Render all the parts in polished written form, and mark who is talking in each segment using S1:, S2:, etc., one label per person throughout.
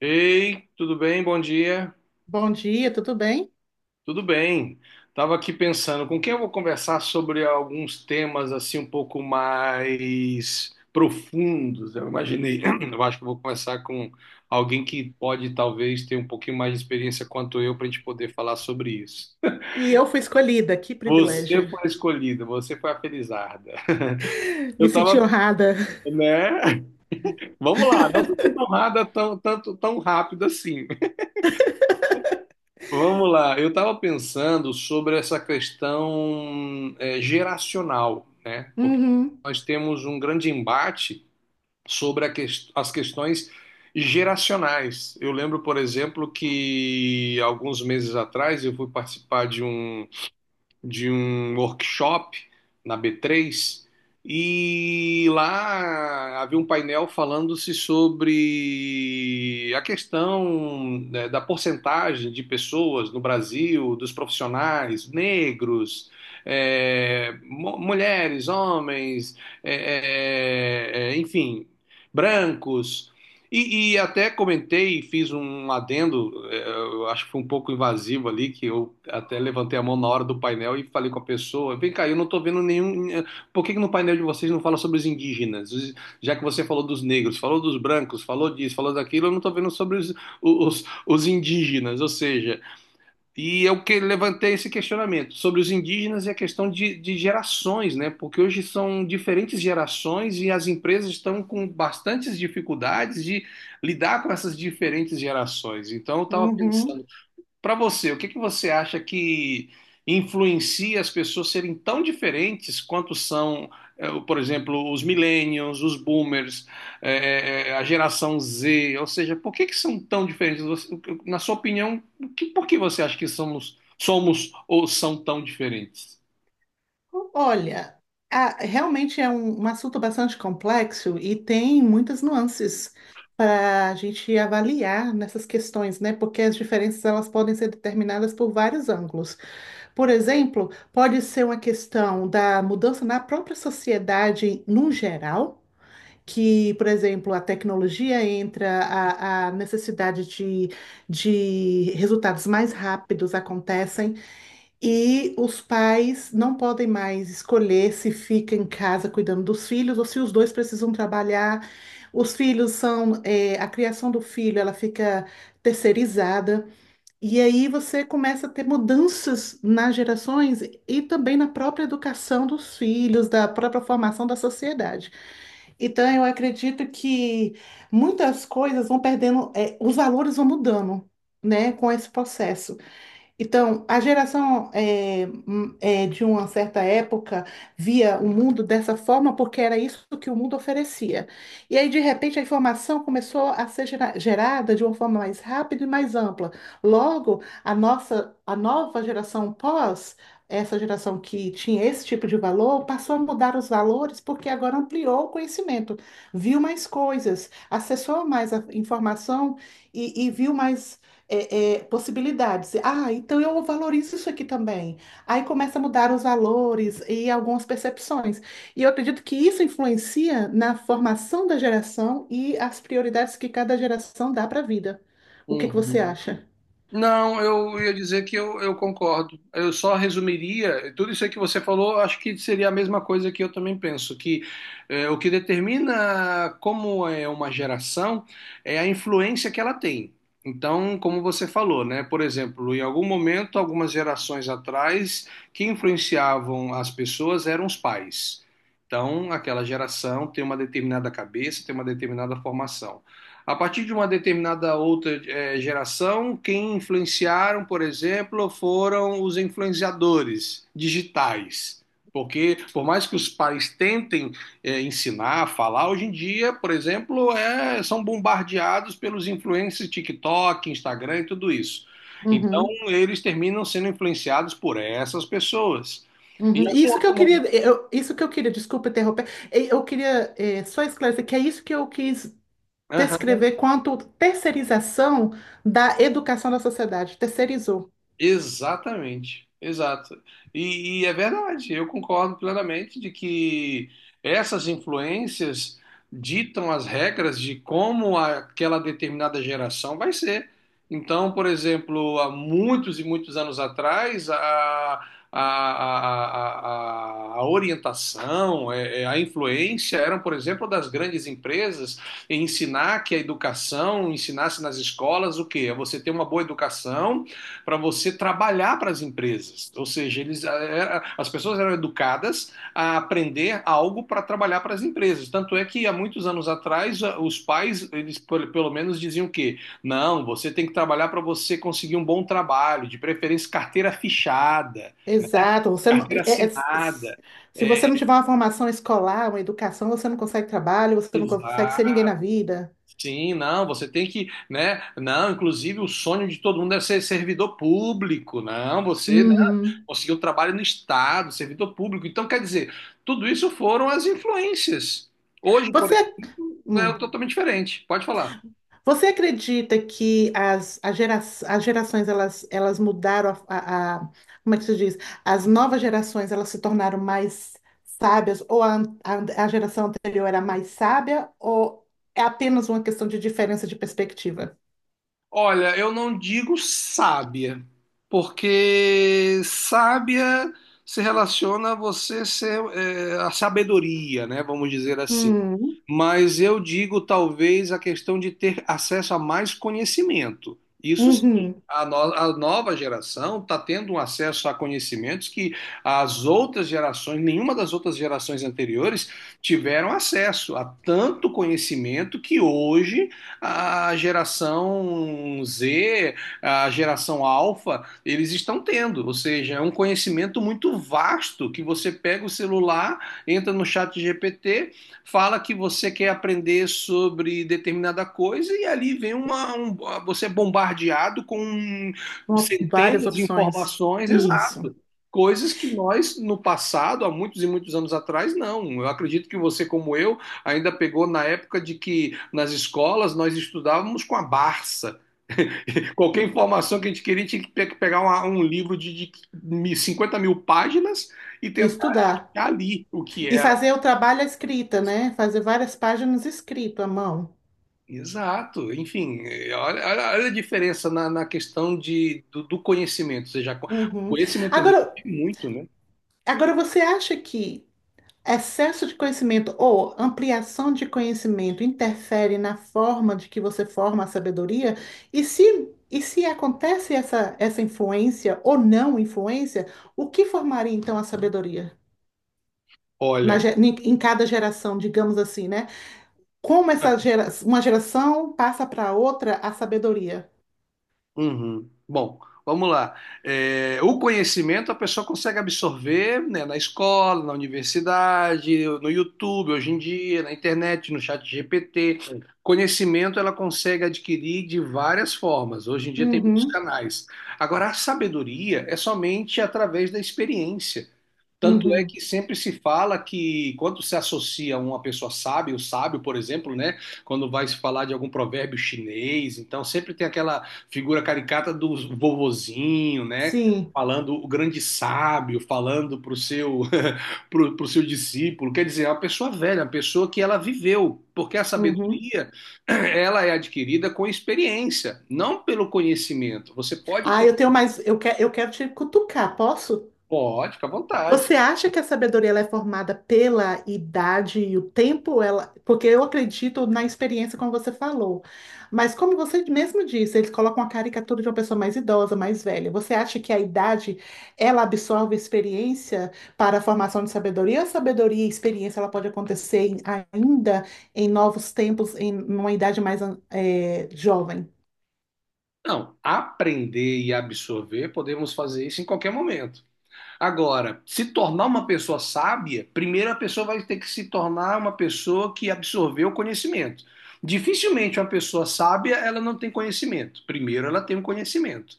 S1: Ei, tudo bem? Bom dia.
S2: Bom dia, tudo bem?
S1: Tudo bem. Tava aqui pensando com quem eu vou conversar sobre alguns temas assim um pouco mais profundos. Eu imaginei, eu acho que eu vou conversar com alguém que pode talvez ter um pouquinho mais de experiência quanto eu para a gente poder falar sobre isso.
S2: E eu fui escolhida, que
S1: Você
S2: privilégio.
S1: foi a escolhida, você foi a felizarda.
S2: Me
S1: Eu
S2: senti
S1: tava,
S2: honrada.
S1: né? Vamos lá, não se sinta honrada tão, tanto, tão rápido assim. Vamos lá, eu estava pensando sobre essa questão geracional, né? Porque
S2: Uhum,
S1: nós temos um grande embate sobre a as questões geracionais. Eu lembro, por exemplo, que alguns meses atrás eu fui participar de um workshop na B3, e lá havia um painel falando-se sobre a questão, né, da porcentagem de pessoas no Brasil, dos profissionais negros, é, mulheres, homens, enfim, brancos e, até comentei, e fiz um adendo, eu acho que foi um pouco invasivo ali, que eu até levantei a mão na hora do painel e falei com a pessoa, vem cá, eu não tô vendo nenhum, eh, por que que no painel de vocês não fala sobre os indígenas? Já que você falou dos negros, falou dos brancos, falou disso, falou daquilo, eu não tô vendo sobre os indígenas, ou seja, e eu que levantei esse questionamento sobre os indígenas e a questão de, gerações, né? Porque hoje são diferentes gerações e as empresas estão com bastantes dificuldades de lidar com essas diferentes gerações. Então, eu estava
S2: uhum.
S1: pensando, para você, o que que você acha que influencia as pessoas serem tão diferentes quanto são, por exemplo, os millennials, os boomers, a geração Z? Ou seja, por que que são tão diferentes? Na sua opinião, por que você acha que somos, somos ou são tão diferentes?
S2: Olha, realmente é um assunto bastante complexo e tem muitas nuances para a gente avaliar nessas questões, né? Porque as diferenças elas podem ser determinadas por vários ângulos. Por exemplo, pode ser uma questão da mudança na própria sociedade num geral, que, por exemplo, a tecnologia entra, a necessidade de resultados mais rápidos acontecem e os pais não podem mais escolher se fica em casa cuidando dos filhos ou se os dois precisam trabalhar. Os filhos são, a criação do filho, ela fica terceirizada. E aí você começa a ter mudanças nas gerações e também na própria educação dos filhos, da própria formação da sociedade. Então, eu acredito que muitas coisas vão perdendo, os valores vão mudando, né, com esse processo. Então, a geração de uma certa época via o mundo dessa forma porque era isso que o mundo oferecia. E aí, de repente, a informação começou a ser gerada de uma forma mais rápida e mais ampla. Logo, a nossa, a nova geração pós, essa geração que tinha esse tipo de valor, passou a mudar os valores porque agora ampliou o conhecimento, viu mais coisas, acessou mais a informação e viu mais possibilidades. Ah, então eu valorizo isso aqui também. Aí começa a mudar os valores e algumas percepções. E eu acredito que isso influencia na formação da geração e as prioridades que cada geração dá para a vida. O que que você acha?
S1: Não, eu ia dizer que eu concordo. Eu só resumiria, tudo isso aí que você falou, eu acho que seria a mesma coisa que eu também penso, que o que determina como é uma geração é a influência que ela tem. Então, como você falou, né? Por exemplo, em algum momento, algumas gerações atrás, quem influenciavam as pessoas eram os pais. Então, aquela geração tem uma determinada cabeça, tem uma determinada formação. A partir de uma determinada outra geração, quem influenciaram, por exemplo, foram os influenciadores digitais. Porque, por mais que os pais tentem ensinar, falar, hoje em dia, por exemplo, eh, são bombardeados pelos influencers TikTok, Instagram e tudo isso. Então,
S2: Uhum,
S1: eles terminam sendo influenciados por essas pessoas. Em
S2: uhum.
S1: algum
S2: Isso que eu
S1: outro
S2: queria,
S1: momento.
S2: isso que eu queria, desculpa interromper. Eu queria só esclarecer que é isso que eu quis descrever quanto terceirização da educação da sociedade, terceirizou.
S1: Exatamente, exato. E é verdade, eu concordo plenamente de que essas influências ditam as regras de como aquela determinada geração vai ser. Então, por exemplo, há muitos e muitos anos atrás, a, a orientação, a influência eram, por exemplo, das grandes empresas em ensinar que a educação, ensinasse nas escolas o quê? É você ter uma boa educação para você trabalhar para as empresas. Ou seja, eles, as pessoas eram educadas a aprender algo para trabalhar para as empresas. Tanto é que há muitos anos atrás, os pais, eles pelo menos diziam que não, você tem que trabalhar para você conseguir um bom trabalho, de preferência carteira fichada, né?
S2: Exato. Você não,
S1: Carteira assinada.
S2: se
S1: É,
S2: você não tiver uma formação escolar, uma educação, você não consegue trabalho, você não consegue
S1: exato.
S2: ser ninguém na vida.
S1: Sim, não, você tem que, né? Não, inclusive o sonho de todo mundo é ser servidor público. Não, você, né,
S2: Uhum.
S1: conseguiu trabalho no Estado, servidor público. Então, quer dizer, tudo isso foram as influências. Hoje, por
S2: Você,
S1: exemplo, é
S2: hum,
S1: totalmente diferente. Pode falar.
S2: você acredita que as gerações elas mudaram como é que se diz? As novas gerações elas se tornaram mais sábias ou a geração anterior era mais sábia ou é apenas uma questão de diferença de perspectiva?
S1: Olha, eu não digo sábia, porque sábia se relaciona a você ser, é, a sabedoria, né? Vamos dizer assim.
S2: Hum,
S1: Mas eu digo talvez a questão de ter acesso a mais conhecimento. Isso sim.
S2: uhum.
S1: A, no- A nova geração está tendo um acesso a conhecimentos que as outras gerações, nenhuma das outras gerações anteriores, tiveram acesso a tanto conhecimento que hoje a geração Z, a geração alfa, eles estão tendo. Ou seja, é um conhecimento muito vasto que você pega o celular, entra no chat GPT, fala que você quer aprender sobre determinada coisa e ali vem você é bombardeado com
S2: Ó, várias
S1: centenas de
S2: opções.
S1: informações,
S2: Isso.
S1: exato. Coisas que nós, no passado, há muitos e muitos anos atrás, não. Eu acredito que você, como eu, ainda pegou na época de que nas escolas nós estudávamos com a Barça. Qualquer informação que a gente queria, tinha que pegar um livro de, 50 mil páginas e tentar
S2: Estudar.
S1: achar ali o que
S2: E
S1: era.
S2: fazer o trabalho à escrita, né? Fazer várias páginas escrito à mão.
S1: Exato, enfim, eh, olha a diferença na, na questão de, do conhecimento, ou seja, o
S2: Uhum.
S1: conhecimento ajuda
S2: Agora,
S1: muito, né?
S2: agora você acha que excesso de conhecimento ou ampliação de conhecimento interfere na forma de que você forma a sabedoria? E se acontece essa influência ou não influência, o que formaria então a sabedoria? Na,
S1: Olha,
S2: ge- em em cada geração, digamos assim, né? Como essa uma geração passa para outra a sabedoria.
S1: uhum. Bom, vamos lá. Eh, o conhecimento a pessoa consegue absorver, né, na escola, na universidade, no YouTube, hoje em dia, na internet, no chat GPT. Conhecimento ela consegue adquirir de várias formas, hoje em dia tem muitos
S2: Uhum,
S1: canais. Agora, a sabedoria é somente através da experiência. Tanto é
S2: uhum.
S1: que sempre se fala que quando se associa uma pessoa sábia, o sábio, por exemplo, né, quando vai se falar de algum provérbio chinês, então sempre tem aquela figura caricata do vovozinho, né,
S2: Sim.
S1: falando o grande sábio, falando para o seu pro seu discípulo. Quer dizer, é uma pessoa velha, uma pessoa que ela viveu, porque a
S2: Uhum.
S1: sabedoria ela é adquirida com experiência, não pelo conhecimento. Você pode
S2: Ah,
S1: ter,
S2: eu tenho mais. Eu quero te cutucar, posso?
S1: pode, fica à vontade.
S2: Você acha que a sabedoria ela é formada pela idade e o tempo? Porque eu acredito na experiência, como você falou. Mas como você mesmo disse, eles colocam a caricatura de uma pessoa mais idosa, mais velha. Você acha que a idade ela absorve a experiência para a formação de sabedoria? Ou a sabedoria e a experiência ela pode acontecer ainda em novos tempos, em uma idade mais jovem?
S1: Não, aprender e absorver, podemos fazer isso em qualquer momento. Agora, se tornar uma pessoa sábia, primeiro a pessoa vai ter que se tornar uma pessoa que absorveu o conhecimento. Dificilmente uma pessoa sábia, ela não tem conhecimento. Primeiro ela tem um conhecimento.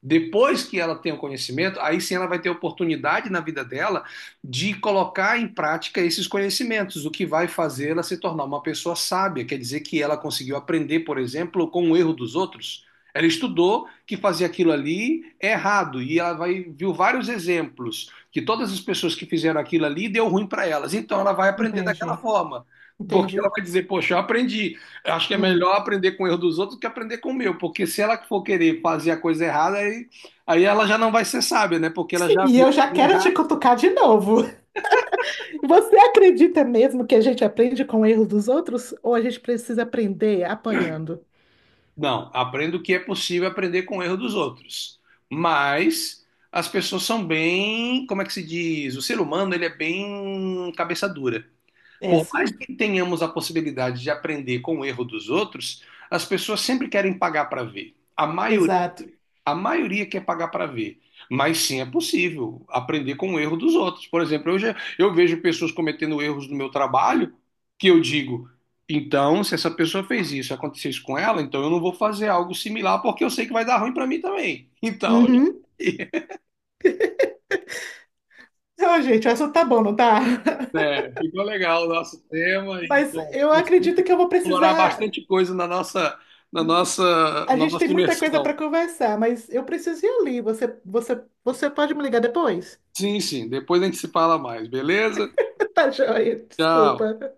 S1: Depois que ela tem o conhecimento, aí sim ela vai ter oportunidade na vida dela de colocar em prática esses conhecimentos, o que vai fazer ela se tornar uma pessoa sábia. Quer dizer que ela conseguiu aprender, por exemplo, com o erro dos outros. Ela estudou que fazer aquilo ali é errado e ela vai, viu vários exemplos que todas as pessoas que fizeram aquilo ali deu ruim para elas. Então ela vai aprender daquela
S2: Entendi,
S1: forma, porque ela
S2: entendi.
S1: vai dizer: Poxa, eu aprendi. Eu acho que é
S2: Hum.
S1: melhor aprender com o erro dos outros do que aprender com o meu, porque se ela for querer fazer a coisa errada, aí ela já não vai ser sábia, né? Porque ela já
S2: E
S1: viu
S2: eu
S1: que
S2: já
S1: deu
S2: quero te
S1: errado.
S2: cutucar de novo. Você acredita mesmo que a gente aprende com o erro dos outros ou a gente precisa aprender apanhando?
S1: Não, aprendo o que é possível aprender com o erro dos outros. Mas as pessoas são bem, como é que se diz? O ser humano, ele é bem cabeça dura.
S2: É
S1: Por mais
S2: sim,
S1: que tenhamos a possibilidade de aprender com o erro dos outros, as pessoas sempre querem pagar para ver.
S2: exato.
S1: A maioria quer pagar para ver, mas sim é possível aprender com o erro dos outros. Por exemplo, eu vejo pessoas cometendo erros no meu trabalho que eu digo, então, se essa pessoa fez isso, aconteceu isso com ela, então eu não vou fazer algo similar porque eu sei que vai dar ruim para mim também. Então,
S2: Uhum. Ô, gente, o assunto tá bom, não tá?
S1: né, ficou legal o nosso tema e
S2: Mas
S1: bom,
S2: eu
S1: conseguimos
S2: acredito que eu vou
S1: explorar
S2: precisar.
S1: bastante coisa na nossa,
S2: A
S1: na
S2: gente tem
S1: nossa
S2: muita coisa para
S1: imersão.
S2: conversar, mas eu preciso ir ali. Você pode me ligar depois?
S1: Sim, sim, depois a gente se fala mais, beleza?
S2: Tá joia,
S1: Tchau.
S2: desculpa.